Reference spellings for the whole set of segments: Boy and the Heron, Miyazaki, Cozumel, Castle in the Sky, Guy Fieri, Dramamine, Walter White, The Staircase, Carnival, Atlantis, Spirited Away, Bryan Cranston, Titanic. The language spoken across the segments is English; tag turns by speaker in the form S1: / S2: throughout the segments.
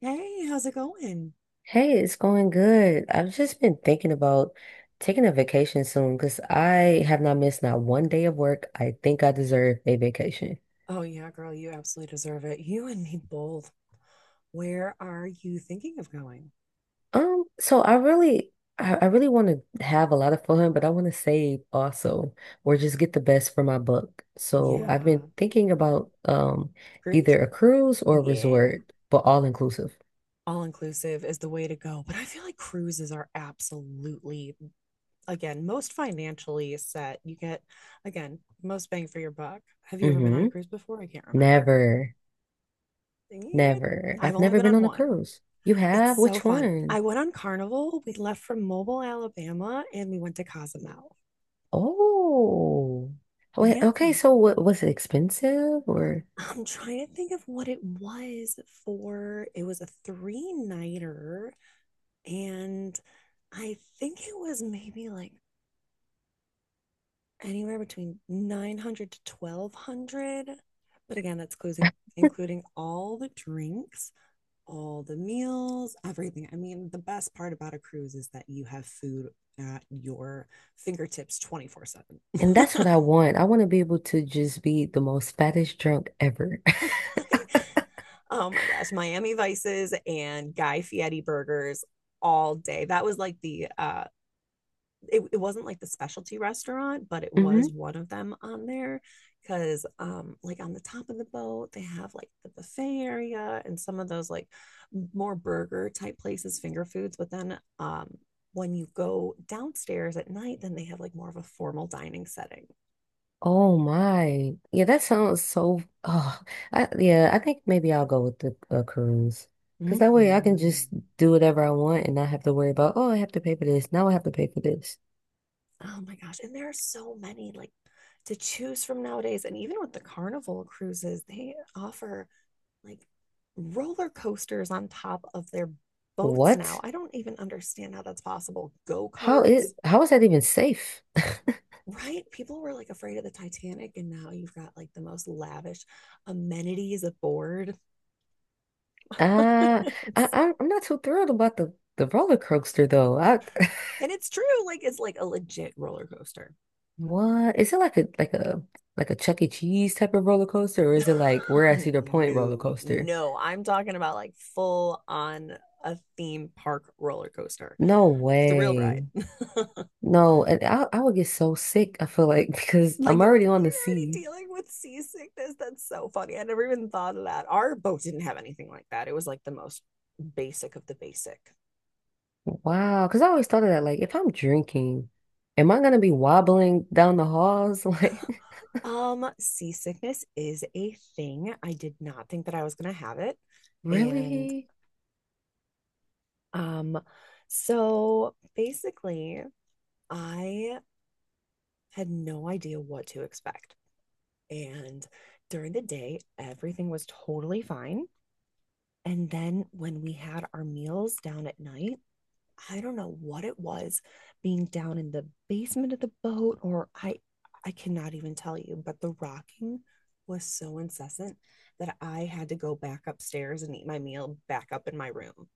S1: Hey, how's it going?
S2: Hey, it's going good. I've just been thinking about taking a vacation soon because I have not missed not one day of work. I think I deserve a vacation.
S1: Oh, yeah, girl, you absolutely deserve it. You and me both. Where are you thinking of going?
S2: So I really, I really want to have a lot of fun, but I want to save also, or just get the best for my buck. So I've been
S1: Yeah.
S2: thinking about
S1: Cruise?
S2: either a cruise or a
S1: Yeah.
S2: resort, but all inclusive.
S1: All inclusive is the way to go. But I feel like cruises are absolutely, again, most financially set. You get, again, most bang for your buck. Have you ever been on a
S2: Mm-hmm.
S1: cruise before? I can't remember.
S2: Never,
S1: Yeah.
S2: never.
S1: I've
S2: I've
S1: only
S2: never
S1: been
S2: been
S1: on
S2: on a
S1: one.
S2: cruise. You
S1: It's
S2: have?
S1: so
S2: Which
S1: fun. I
S2: one?
S1: went on Carnival. We left from Mobile, Alabama, and we went to Cozumel.
S2: Oh, wait,
S1: Yeah.
S2: okay. So, what was it expensive or?
S1: I'm trying to think of what it was for. It was a three nighter, and I think it was maybe like anywhere between 900 to 1200. But again, that's closing, including all the drinks, all the meals, everything. I mean, the best part about a cruise is that you have food at your fingertips 24/7.
S2: And that's what I want. I want to be able to just be the most fattest drunk ever.
S1: Right? Oh my gosh, Miami Vices and Guy Fieri burgers all day. That was like the it wasn't like the specialty restaurant, but it
S2: hmm
S1: was one of them on there because like on the top of the boat they have like the buffet area and some of those like more burger type places, finger foods, but then when you go downstairs at night, then they have like more of a formal dining setting.
S2: Oh my. Yeah, that sounds so. Oh, yeah, I think maybe I'll go with the cruise because that way I can
S1: Mm-hmm.
S2: just do whatever I want and not have to worry about, oh, I have to pay for this. Now I have to pay for this.
S1: Oh my gosh. And there are so many like to choose from nowadays. And even with the carnival cruises, they offer like roller coasters on top of their boats now.
S2: What?
S1: I don't even understand how that's possible. Go karts,
S2: How is that even safe?
S1: right? People were like afraid of the Titanic, and now you've got like the most lavish amenities aboard.
S2: Uh,
S1: It's-
S2: I'm not too thrilled about the roller coaster though. I,
S1: and it's true. Like, it's like a legit roller coaster.
S2: What? Is it like a like a Chuck E. Cheese type of roller coaster, or is it like we're at Cedar Point roller
S1: No,
S2: coaster?
S1: no. I'm talking about like full on a theme park roller coaster
S2: No
S1: thrill ride.
S2: way.
S1: Like you're
S2: No, and I would get so sick, I feel like, because I'm already on the
S1: already
S2: sea.
S1: dealing with seasickness. That's so funny. I never even thought of that. Our boat didn't have anything like that. It was like the most basic of the basic.
S2: Wow. Because I always thought of that, like, if I'm drinking, am I gonna be wobbling down the halls? Like,
S1: Seasickness is a thing. I did not think that I was gonna have it. And
S2: really?
S1: um, so basically I had no idea what to expect. And during the day, everything was totally fine. And then when we had our meals down at night, I don't know what it was being down in the basement of the boat or I cannot even tell you, but the rocking was so incessant that I had to go back upstairs and eat my meal back up in my room.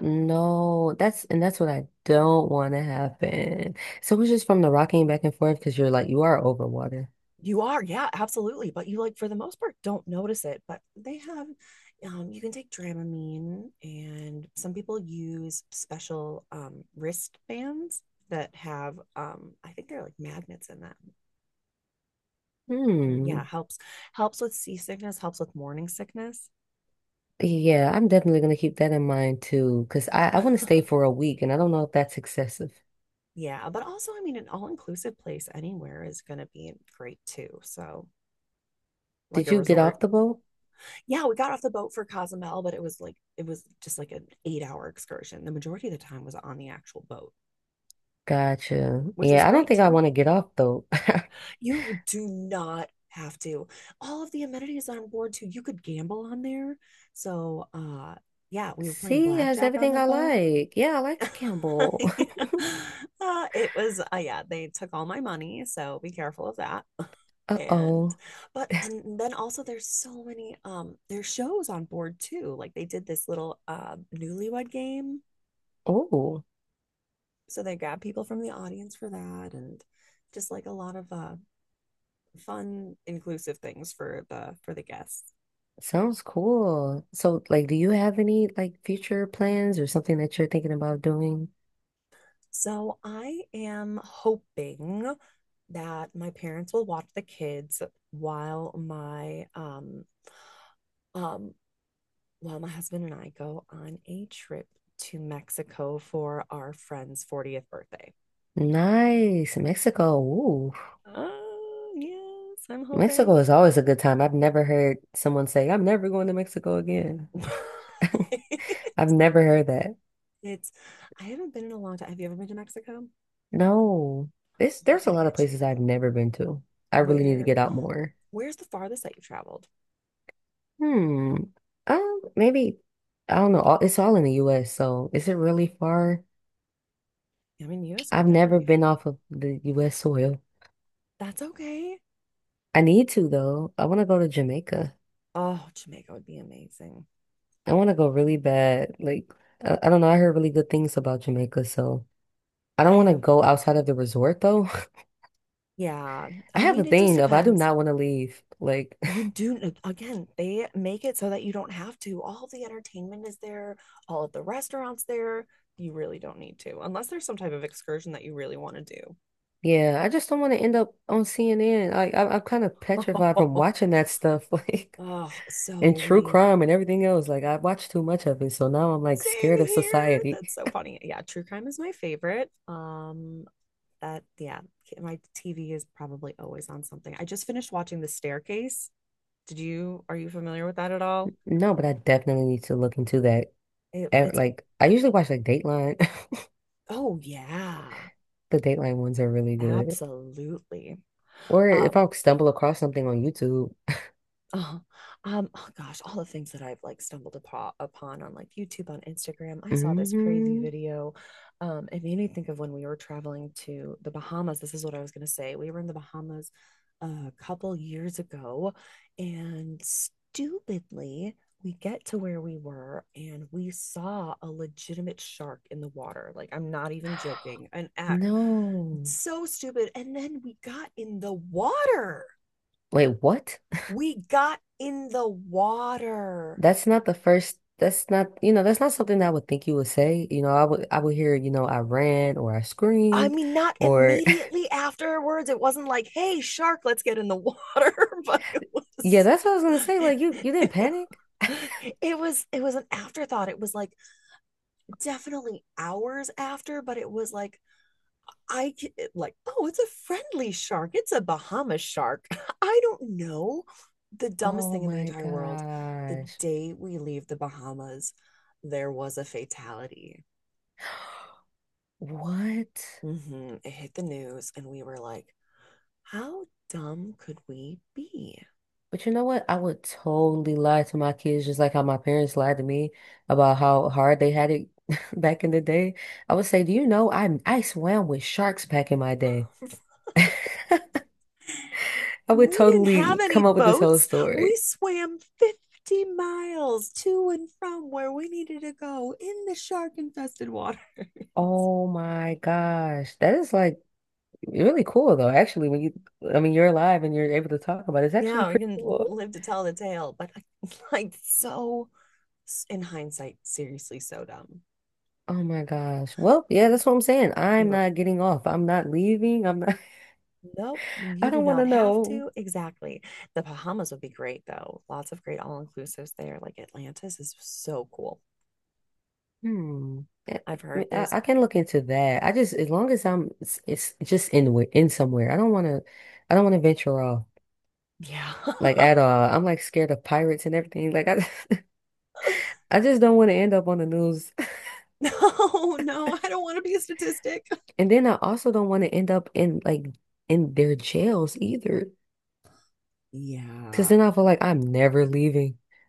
S2: No, that's and that's what I don't want to happen. So it's just from the rocking back and forth because you're like you are over water.
S1: You are, yeah, absolutely. But you like for the most part don't notice it. But they have, you can take Dramamine, and some people use special wristbands that have, I think they're like magnets in them, and
S2: Hmm.
S1: yeah, helps with seasickness, helps with morning sickness.
S2: Yeah, I'm definitely gonna keep that in mind too, because I want to stay for a week and I don't know if that's excessive.
S1: Yeah, but also, I mean, an all-inclusive place anywhere is going to be great too. So, like
S2: Did
S1: a
S2: you get
S1: resort.
S2: off the boat?
S1: Yeah, we got off the boat for Cozumel, but it was like it was just like an 8 hour excursion. The majority of the time was on the actual boat,
S2: Gotcha.
S1: which was
S2: Yeah, I don't
S1: great
S2: think I
S1: too.
S2: want to get off though.
S1: You do not have to. All of the amenities on board too. You could gamble on there. So yeah, we were playing
S2: Sea has
S1: blackjack on
S2: everything
S1: the
S2: I
S1: boat.
S2: like. Yeah, I like to gamble.
S1: Yeah. It was yeah, they took all my money, so be careful of that. And
S2: Uh-oh.
S1: but and then also there's so many there's shows on board too. Like they did this little newlywed game.
S2: Oh,
S1: So they grabbed people from the audience for that and just like a lot of fun inclusive things for the guests.
S2: sounds cool. So, like, do you have any like future plans or something that you're thinking about doing?
S1: So I am hoping that my parents will watch the kids while my um um while my husband and I go on a trip to Mexico for our friend's 40th birthday.
S2: Nice. Mexico. Ooh.
S1: Oh, yes, I'm
S2: Mexico
S1: hoping.
S2: is always a good time. I've never heard someone say, I'm never going to Mexico again. I've never heard that.
S1: It's I haven't been in a long time. Have you ever been to Mexico? Oh,
S2: No. This
S1: we
S2: there's a
S1: gotta
S2: lot of
S1: get you.
S2: places I've never been to. I really need to
S1: Where
S2: get out more.
S1: where's the farthest that you've traveled?
S2: Hmm. Maybe I don't know. All, it's all in the US, so is it really far?
S1: I mean, US can
S2: I've never
S1: definitely be far.
S2: been off of the US soil.
S1: That's okay.
S2: I need to though. I want to go to Jamaica.
S1: Oh, Jamaica would be amazing.
S2: I want to go really bad. Like I don't know, I heard really good things about Jamaica, so I
S1: I
S2: don't want to
S1: have
S2: go outside of the resort though.
S1: yeah.
S2: I
S1: I
S2: have
S1: mean,
S2: a
S1: it just
S2: thing of I do
S1: depends.
S2: not want to leave. Like
S1: You do again, they make it so that you don't have to. All the entertainment is there, all of the restaurants there. You really don't need to, unless there's some type of excursion that you really want to
S2: yeah, I just don't want to end up on CNN. Like I, I'm kind of petrified from
S1: do.
S2: watching that stuff, like
S1: Oh, so
S2: and true
S1: we
S2: crime and everything else. Like I watched too much of it, so now I'm like
S1: same
S2: scared of
S1: here. That's
S2: society.
S1: so funny. Yeah, true crime is my favorite. That yeah, my TV is probably always on something. I just finished watching The Staircase. Did you are you familiar with that at all?
S2: No, but I definitely need to look into that.
S1: It,
S2: And,
S1: it's
S2: like I usually watch like Dateline.
S1: oh yeah,
S2: The Dateline ones are really good.
S1: absolutely.
S2: Or if
S1: Um,
S2: I stumble across something on YouTube.
S1: Oh, oh gosh, all the things that I've like stumbled upon on like YouTube, on Instagram. I saw this crazy
S2: Hmm
S1: video. It made me think of when we were traveling to the Bahamas. This is what I was gonna say. We were in the Bahamas a couple years ago, and stupidly, we get to where we were and we saw a legitimate shark in the water. Like, I'm not even joking. An act
S2: No.
S1: so stupid. And then
S2: Wait, what?
S1: we got in the water.
S2: That's not the first, that's not, you know, that's not something I would think you would say. You know, I would hear, you know, I ran or I
S1: I
S2: screamed
S1: mean, not
S2: or
S1: immediately afterwards. It wasn't like, hey, shark, let's get in the water, but it
S2: yeah,
S1: was.
S2: that's what I was gonna say. Like you didn't
S1: It was
S2: panic?
S1: it was an afterthought. It was like definitely hours after, but it was like I like, oh, it's a friendly shark, it's a Bahamas shark. I don't know, the dumbest
S2: Oh
S1: thing in the
S2: my
S1: entire world. The
S2: gosh.
S1: day we leave the Bahamas there was a fatality.
S2: What?
S1: Hmm. It hit the news, and we were like, how dumb could we be?
S2: But you know what? I would totally lie to my kids just like how my parents lied to me about how hard they had it back in the day. I would say, "Do you know I swam with sharks back in my day?" I would
S1: We didn't have
S2: totally
S1: any
S2: come up with this whole
S1: boats. We
S2: story.
S1: swam 50 miles to and from where we needed to go in the shark infested water.
S2: Oh my gosh. That is like really cool though. Actually, when you I mean you're alive and you're able to talk about it, it's actually
S1: Yeah, we
S2: pretty
S1: can
S2: cool.
S1: live to tell the tale, but like, so in hindsight, seriously, so dumb.
S2: Oh my gosh. Well, yeah, that's what I'm saying.
S1: We
S2: I'm
S1: were,
S2: not getting off. I'm not leaving. I'm not
S1: nope, you
S2: I
S1: do
S2: don't want to
S1: not have
S2: know.
S1: to. Exactly. The Bahamas would be great, though. Lots of great all inclusives there. Like Atlantis is so cool.
S2: Hmm. I,
S1: I've heard
S2: I
S1: there's,
S2: I can look into that. I just as long as I'm it's just in in somewhere. I don't want to I don't want to venture off
S1: yeah.
S2: like at all. I'm like scared of pirates and everything. Like I I just don't want to end up on the news.
S1: No, no, I don't want to be a statistic.
S2: And then I also don't want to end up in like in their jails either. Because
S1: Yeah.
S2: then I feel like I'm never leaving.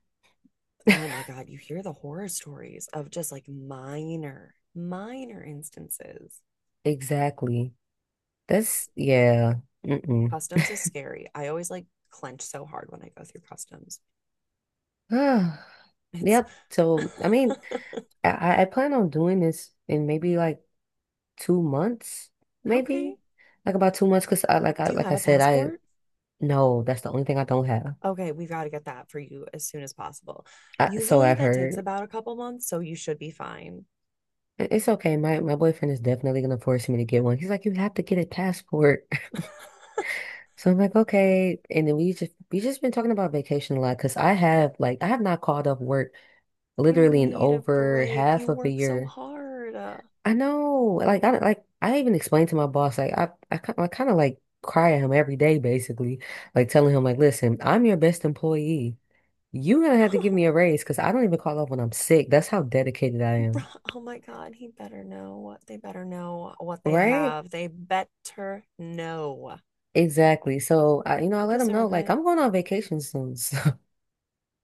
S1: Oh my God. You hear the horror stories of just like minor, minor instances.
S2: Exactly. That's yeah. Mm-mm.
S1: Customs is scary. I always like clench so hard when I go through customs.
S2: Ah,
S1: It's
S2: yep. So I mean, I I plan on doing this in maybe like 2 months, maybe
S1: okay.
S2: like about 2 months. Cause I like I
S1: Do you
S2: like
S1: have
S2: I
S1: a
S2: said, I
S1: passport?
S2: no, that's the only thing I don't have.
S1: Okay, we've got to get that for you as soon as possible.
S2: I, so
S1: Usually
S2: I've
S1: that takes
S2: heard.
S1: about a couple months, so you should be fine.
S2: I- It's okay. My boyfriend is definitely gonna force me to get one. He's like, you have to get a passport. So I'm like, okay. And then we just been talking about vacation a lot because I have like I have not called up work
S1: You
S2: literally in
S1: need a
S2: over
S1: break.
S2: half
S1: You
S2: of a
S1: work so
S2: year.
S1: hard. Oh,
S2: I know, like I even explained to my boss like I I kind of like cry at him every day basically, like telling him like, listen, I'm your best employee. You're gonna have to give me a raise because I don't even call up when I'm sick. That's how dedicated I
S1: bro-
S2: am.
S1: oh my God, he better know what they better know what they
S2: Right?
S1: have. They better know.
S2: Exactly. So I, you know, I
S1: You
S2: let him know
S1: deserve
S2: like
S1: it.
S2: I'm going on vacation soon.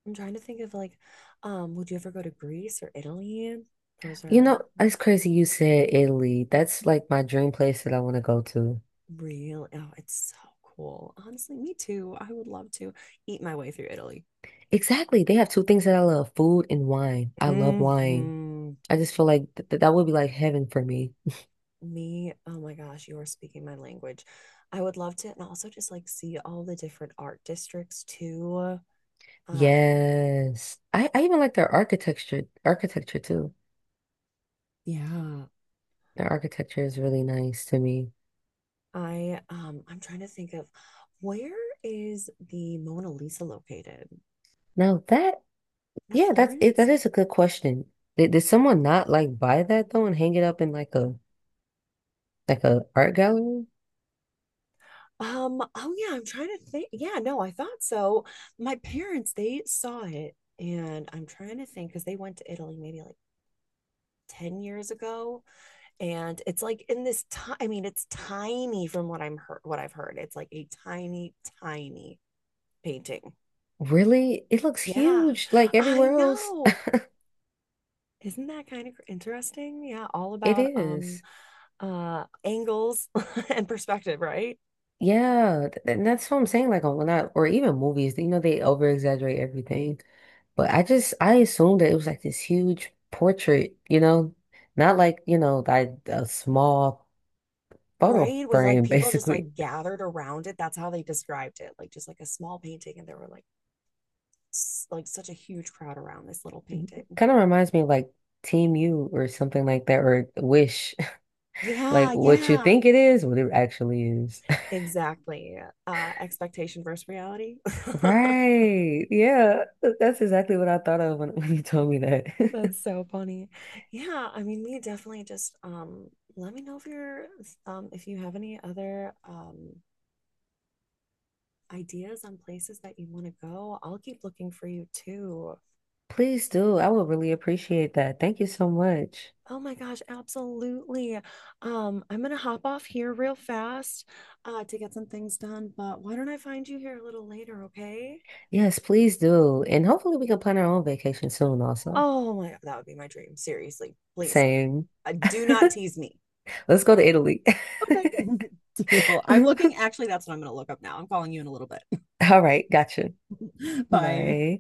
S1: I'm trying to think of like, would you ever go to Greece or Italy? Those
S2: You
S1: are
S2: know, it's crazy you said Italy. That's like my dream place that I want to go to.
S1: real. Oh, it's so cool. Honestly, me too. I would love to eat my way through Italy.
S2: Exactly. They have two things that I love, food and wine. I love wine.
S1: Hmm.
S2: I just feel like that would be like heaven for me.
S1: Me, oh my gosh, you are speaking my language. I would love to, and also just like see all the different art districts too. uh
S2: Yes. I even like their architecture too.
S1: Yeah.
S2: Their architecture is really nice to me.
S1: I'm trying to think of where is the Mona Lisa located?
S2: Now that,
S1: At
S2: yeah, that's it.
S1: Florence?
S2: That is a good question. Did someone not like buy that though and hang it up in like a art gallery?
S1: Oh yeah, I'm trying to think. Yeah, no, I thought so. My parents, they saw it, and I'm trying to think because they went to Italy maybe like 10 years ago, and it's like in this time, I mean, it's tiny from what I've heard. It's like a tiny tiny painting.
S2: Really? It looks
S1: Yeah,
S2: huge like
S1: I
S2: everywhere else.
S1: know. Isn't that kind of interesting? Yeah, all
S2: It
S1: about
S2: is.
S1: angles and perspective, right?
S2: Yeah, and that's what I'm saying. Like on not or even movies, you know, they over exaggerate everything. But I assumed that it was like this huge portrait, you know, not like, you know, like a small photo
S1: Right, with like
S2: frame,
S1: people just
S2: basically.
S1: like gathered around it, that's how they described it, like just like a small painting, and there were like s- like such a huge crowd around this little painting.
S2: Kind of reminds me of like Team U or something like that, or Wish. Like
S1: Yeah,
S2: what you
S1: yeah.
S2: think it is, what it actually is.
S1: Exactly. Expectation versus reality.
S2: Right. Yeah. That's exactly what I thought of when, when you told me that.
S1: That's so funny. Yeah, I mean, we definitely just let me know if you're if you have any other ideas on places that you want to go. I'll keep looking for you too.
S2: Please do. I would really appreciate that. Thank you so much.
S1: Oh my gosh, absolutely. I'm gonna hop off here real fast to get some things done, but why don't I find you here a little later, okay?
S2: Yes, please do. And hopefully we can plan our own vacation soon also.
S1: Oh my God, that would be my dream. Seriously, please.
S2: Same.
S1: Do not tease me.
S2: Let's go to Italy.
S1: Okay. Deal. I'm looking, actually, that's what I'm going to look up now. I'm calling you in a little bit.
S2: All right, gotcha.
S1: Bye.
S2: Bye.